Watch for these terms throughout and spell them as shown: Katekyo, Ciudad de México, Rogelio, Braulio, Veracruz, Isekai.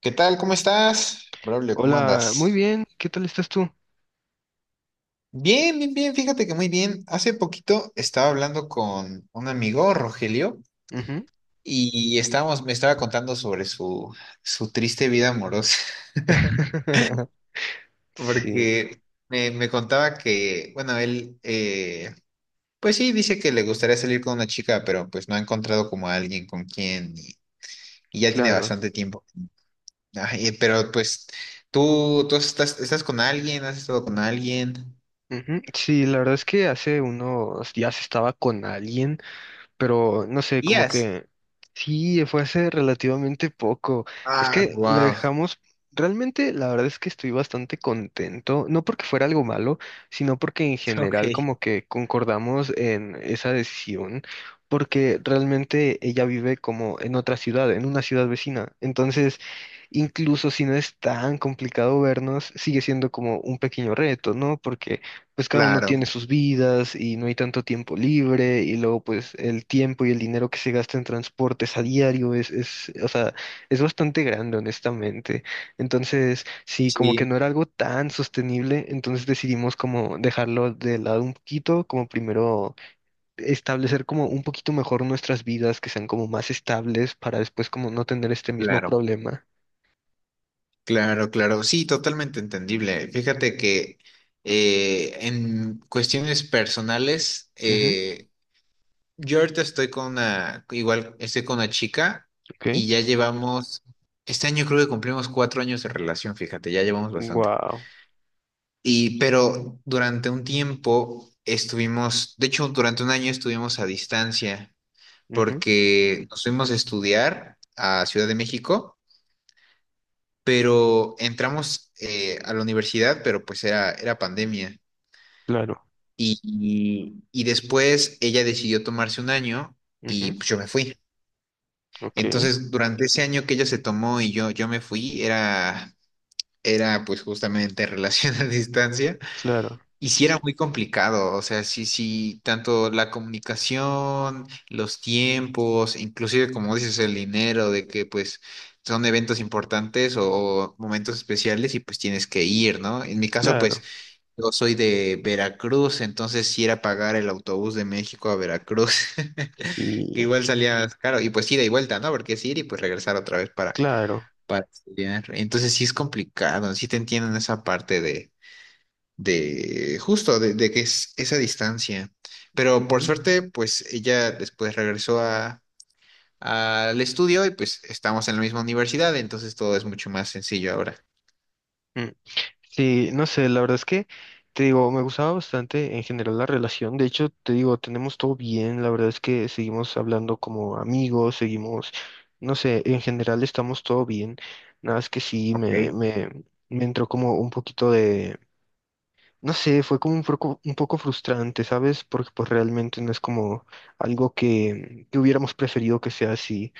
¿Qué tal? ¿Cómo estás? Braulio, ¿cómo Hola, muy andas? bien, ¿qué tal estás tú? Bien, bien, bien, fíjate que muy bien. Hace poquito estaba hablando con un amigo, Rogelio, Ujú. y me estaba contando sobre su triste vida amorosa, Sí, porque me contaba que, bueno, él, pues sí, dice que le gustaría salir con una chica, pero pues no ha encontrado como a alguien con quien y ya tiene claro. bastante tiempo. Ay, pero pues tú estás con alguien, has estado con alguien. Ujú. Sí, la verdad es que hace unos días estaba con alguien, pero no sé, como Días. que sí, fue hace relativamente poco. Es Ah, que lo wow. dejamos. Realmente la verdad es que estoy bastante contento, no porque fuera algo malo, sino porque en general Ok, como que concordamos en esa decisión, porque realmente ella vive como en otra ciudad, en una ciudad vecina. Entonces, incluso si no es tan complicado vernos, sigue siendo como un pequeño reto, ¿no? Porque pues cada uno claro, tiene sus vidas y no hay tanto tiempo libre, y luego pues el tiempo y el dinero que se gasta en transportes a diario o sea, es bastante grande, honestamente. Entonces sí, como que sí, no era algo tan sostenible, entonces decidimos como dejarlo de lado un poquito, como primero establecer como un poquito mejor nuestras vidas, que sean como más estables para después como no tener este mismo claro, problema. claro, claro. Sí, totalmente entendible. Fíjate que en cuestiones personales, Ujú. Yo ahorita estoy con igual estoy con una chica Ok. y ya llevamos, este año creo que cumplimos 4 años de relación, fíjate, ya llevamos bastante. Wow. Pero durante un tiempo estuvimos, de hecho, durante un año estuvimos a distancia, Ujú. porque nos fuimos a estudiar a Ciudad de México, pero entramos a la universidad, pero pues era, pandemia. Claro. Y después ella decidió tomarse un año y Ujú. pues yo me fui. Ok. Entonces, durante ese año que ella se tomó y yo me fui, era pues justamente relación a distancia. Claro. Y sí era muy complicado, o sea, sí, sí, tanto la comunicación, los tiempos, inclusive como dices, el dinero, de que pues son eventos importantes o momentos especiales y pues tienes que ir, ¿no? En mi caso, pues Claro. yo soy de Veracruz, entonces sí era pagar el autobús de México a Veracruz, que Sí, igual salía caro, y pues ida y vuelta, ¿no? Porque es ir y pues regresar otra vez para, claro. para estudiar. Entonces sí es complicado, sí te entiendo en esa parte de justo, de que es esa distancia. Pero por Ujú. suerte, pues ella después regresó al estudio y pues estamos en la misma universidad, entonces todo es mucho más sencillo ahora. Mm. Sí, no sé, la verdad es que te digo, me gustaba bastante en general la relación. De hecho, te digo, tenemos todo bien. La verdad es que seguimos hablando como amigos, seguimos, no sé, en general estamos todo bien. Nada es que sí, me, Ok. me, me entró como un poquito de, no sé, fue como un poco frustrante, ¿sabes? Porque pues realmente no es como algo que hubiéramos preferido que sea así.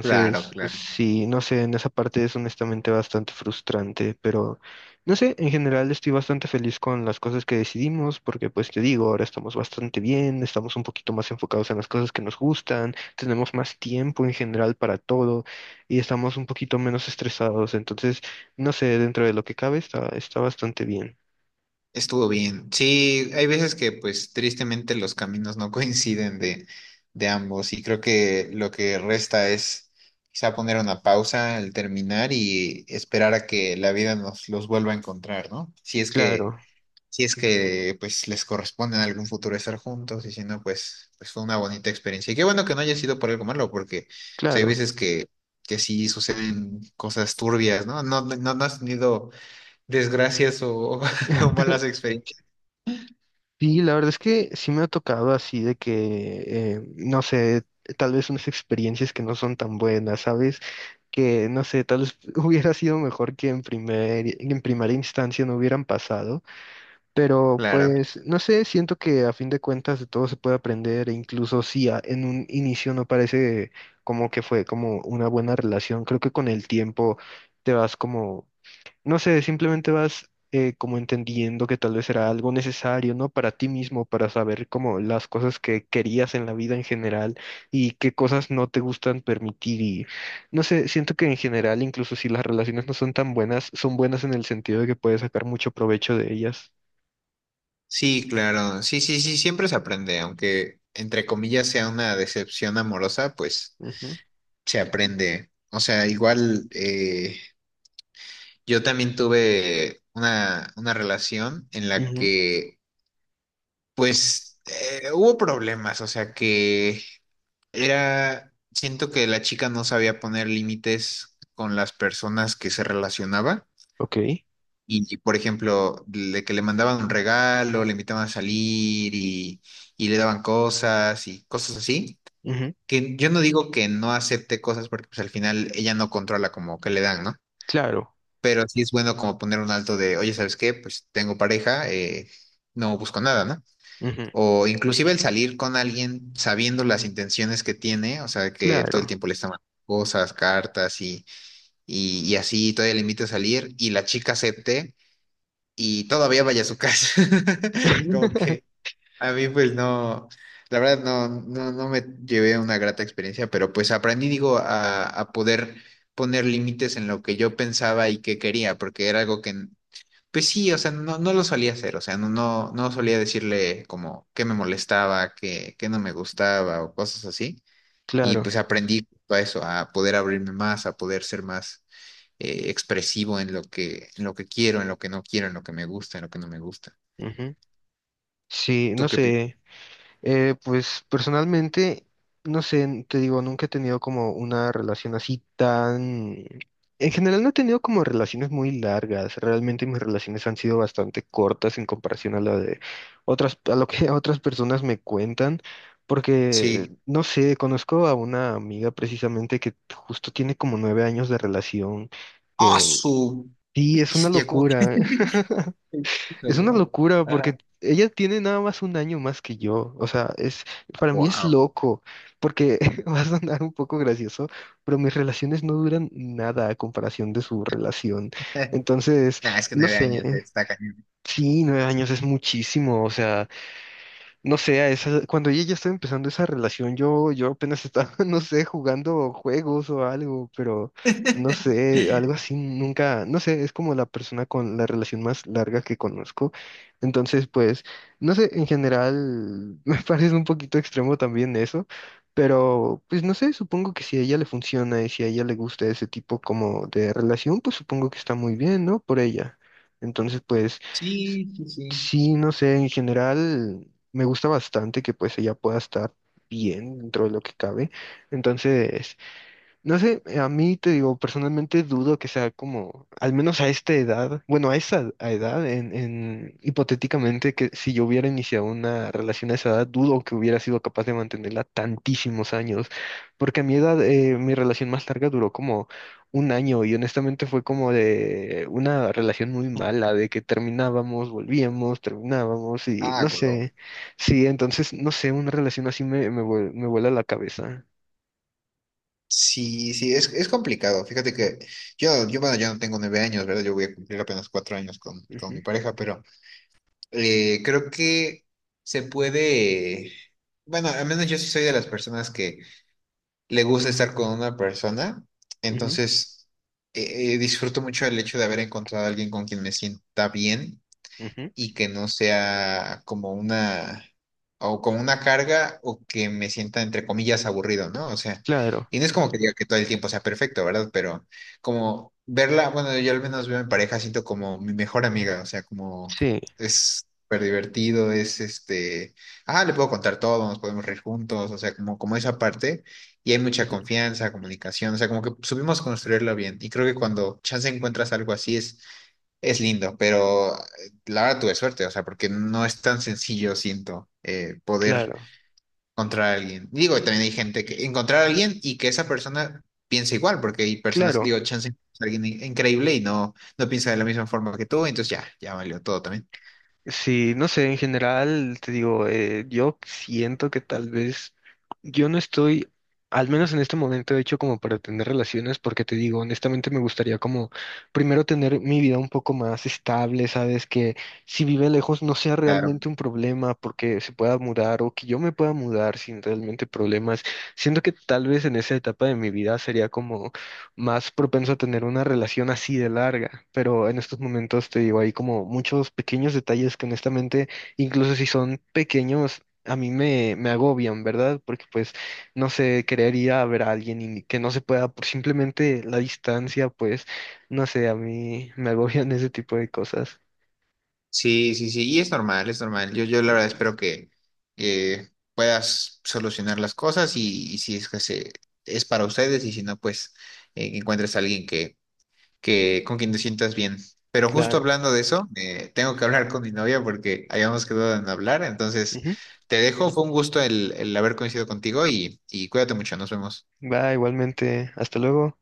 Claro, claro. sí, no sé, en esa parte es honestamente bastante frustrante, pero no sé, en general estoy bastante feliz con las cosas que decidimos, porque pues te digo, ahora estamos bastante bien, estamos un poquito más enfocados en las cosas que nos gustan, tenemos más tiempo en general para todo y estamos un poquito menos estresados. Entonces no sé, dentro de lo que cabe está, está bastante bien. Estuvo bien. Sí, hay veces que pues tristemente los caminos no coinciden de ambos y creo que lo que resta es quizá poner una pausa al terminar y esperar a que la vida nos los vuelva a encontrar, ¿no? Si es que Claro, si es que pues les corresponde en algún futuro estar juntos y si no, pues, pues fue una bonita experiencia. Y qué bueno que no haya sido por algo malo, porque pues, hay claro. veces que sí suceden cosas turbias, ¿no? No has tenido desgracias o, o malas experiencias. Sí, la verdad es que sí me ha tocado así de que, no sé, tal vez unas experiencias que no son tan buenas, ¿sabes? Que, no sé, tal vez hubiera sido mejor que en en primera instancia no hubieran pasado, pero Claro. pues, no sé, siento que a fin de cuentas de todo se puede aprender, e incluso si en un inicio no parece como que fue como una buena relación, creo que con el tiempo te vas como... No sé, simplemente vas como entendiendo que tal vez era algo necesario, ¿no? Para ti mismo, para saber como las cosas que querías en la vida en general y qué cosas no te gustan permitir, y no sé, siento que en general, incluso si las relaciones no son tan buenas, son buenas en el sentido de que puedes sacar mucho provecho de ellas. Sí, claro. Sí, sí, sí, siempre se aprende, aunque entre comillas sea una decepción amorosa, pues Ujú, se aprende. O sea, igual yo también tuve una relación en la ujú, que pues hubo problemas, o sea que era, siento que la chica no sabía poner límites con las personas que se relacionaba ok, y, por ejemplo, de que le mandaban un regalo, le invitaban a salir y le daban cosas y cosas así, ujú, que yo no digo que no acepte cosas porque pues al final ella no controla como que le dan, ¿no? claro, Pero sí es bueno como poner un alto de, oye, ¿sabes qué? Pues tengo pareja, no busco nada, ¿no? ujú, O inclusive el salir con alguien sabiendo las intenciones que tiene, o sea, que todo el claro, tiempo le está mandando cosas, cartas y así, todavía le invita a salir y la chica acepte y todavía vaya a su casa. Como que a mí pues no, la verdad no me llevé una grata experiencia, pero pues aprendí, digo, a poder poner límites en lo que yo pensaba y que quería, porque era algo que pues sí, o sea, no lo solía hacer, o sea, no solía decirle como que me molestaba, que no me gustaba o cosas así. Y claro, pues aprendí a eso, a poder abrirme más, a poder ser más expresivo en lo que quiero, en lo que no quiero, en lo que me gusta, en lo que no me gusta. ujú. Sí, no ¿Tú qué piensas? sé. Pues personalmente, no sé, te digo, nunca he tenido como una relación así tan... En general no he tenido como relaciones muy largas. Realmente mis relaciones han sido bastante cortas en comparación a la de otras, a lo que otras personas me cuentan. Porque, Sí. no sé, conozco a una amiga precisamente que justo tiene como 9 años de relación, ¡Ah, que su sí, es una bestia! Como que... locura. Es una Wow. locura porque ella tiene nada más un año más que yo. O sea, es, para mí es Wow. loco, porque va a sonar un poco gracioso, pero mis relaciones no duran nada a comparación de su relación. Entonces, Nah, es que no 9 años, sé, está cañón. sí, 9 años es muchísimo. O sea, no sé, cuando ella ya estaba empezando esa relación, yo apenas estaba, no sé, jugando juegos o algo, pero no sé, algo así nunca, no sé, es como la persona con la relación más larga que conozco. Entonces pues, no sé, en general me parece un poquito extremo también eso, pero pues no sé, supongo que si a ella le funciona y si a ella le gusta ese tipo como de relación, pues supongo que está muy bien, ¿no? Por ella. Entonces pues... Sí, sí, sí. Sí, no sé, en general, me gusta bastante que pues ella pueda estar bien dentro de lo que cabe. Entonces no sé, a mí te digo, personalmente dudo que sea como, al menos a esta edad, bueno, a esa a edad, en, hipotéticamente, que si yo hubiera iniciado una relación a esa edad, dudo que hubiera sido capaz de mantenerla tantísimos años, porque a mi edad, mi relación más larga duró como un año y honestamente fue como de una relación muy mala, de que terminábamos, volvíamos, terminábamos y Ah, no güey. sé, sí, entonces, no sé, una relación así me vuela la cabeza. Sí, sí, es complicado. Fíjate que yo, bueno, ya no tengo 9 años, ¿verdad? Yo voy a cumplir apenas 4 años con Ujú, mi pareja, pero creo que se puede, bueno, al menos yo sí soy de las personas que le gusta estar con una persona, ujú, entonces disfruto mucho el hecho de haber encontrado a alguien con quien me sienta bien ujú. y que no sea como una carga o que me sienta entre comillas aburrido, ¿no? O sea, Claro, y no es como que diga que todo el tiempo sea perfecto, ¿verdad? Pero como verla, bueno, yo al menos veo a mi pareja, siento como mi mejor amiga, o sea, como sí, es súper divertido, es este, ah, le puedo contar todo, nos podemos reír juntos, o sea, como, como esa parte, y hay mucha ujú, confianza, comunicación, o sea, como que supimos construirlo bien, y creo que cuando chance encuentras algo así es lindo, pero la verdad tuve suerte, o sea, porque no es tan sencillo, siento, poder claro, encontrar a alguien. Digo, también hay gente que encontrar a alguien y que esa persona piense igual, porque hay personas, claro. digo, chance es alguien increíble y no, no piensa de la misma forma que tú, entonces ya, ya valió todo también. Sí, no sé, en general, te digo, yo siento que tal vez yo no estoy, al menos en este momento, hecho como para tener relaciones, porque te digo, honestamente me gustaría como primero tener mi vida un poco más estable, ¿sabes? Que si vive lejos no sea Claro. realmente un problema porque se pueda mudar o que yo me pueda mudar sin realmente problemas. Siento que tal vez en esa etapa de mi vida sería como... más propenso a tener una relación así de larga, pero en estos momentos te digo, hay como muchos pequeños detalles que honestamente, incluso si son pequeños, a mí me agobian, ¿verdad? Porque pues, no sé, querer ir a ver a alguien y que no se pueda por simplemente la distancia, pues, no sé, a mí me agobian ese tipo de cosas. Sí, sí, sí, y es normal, es normal. Yo la verdad espero que puedas solucionar las cosas y si es que es para ustedes y si no, pues que encuentres a alguien que con quien te sientas bien. Pero justo Claro. hablando de eso, tengo que hablar con mi novia porque habíamos quedado en hablar. Entonces, Ujú. te dejo. Fue un gusto el haber coincidido contigo y cuídate mucho. Nos vemos. Va, igualmente, hasta luego.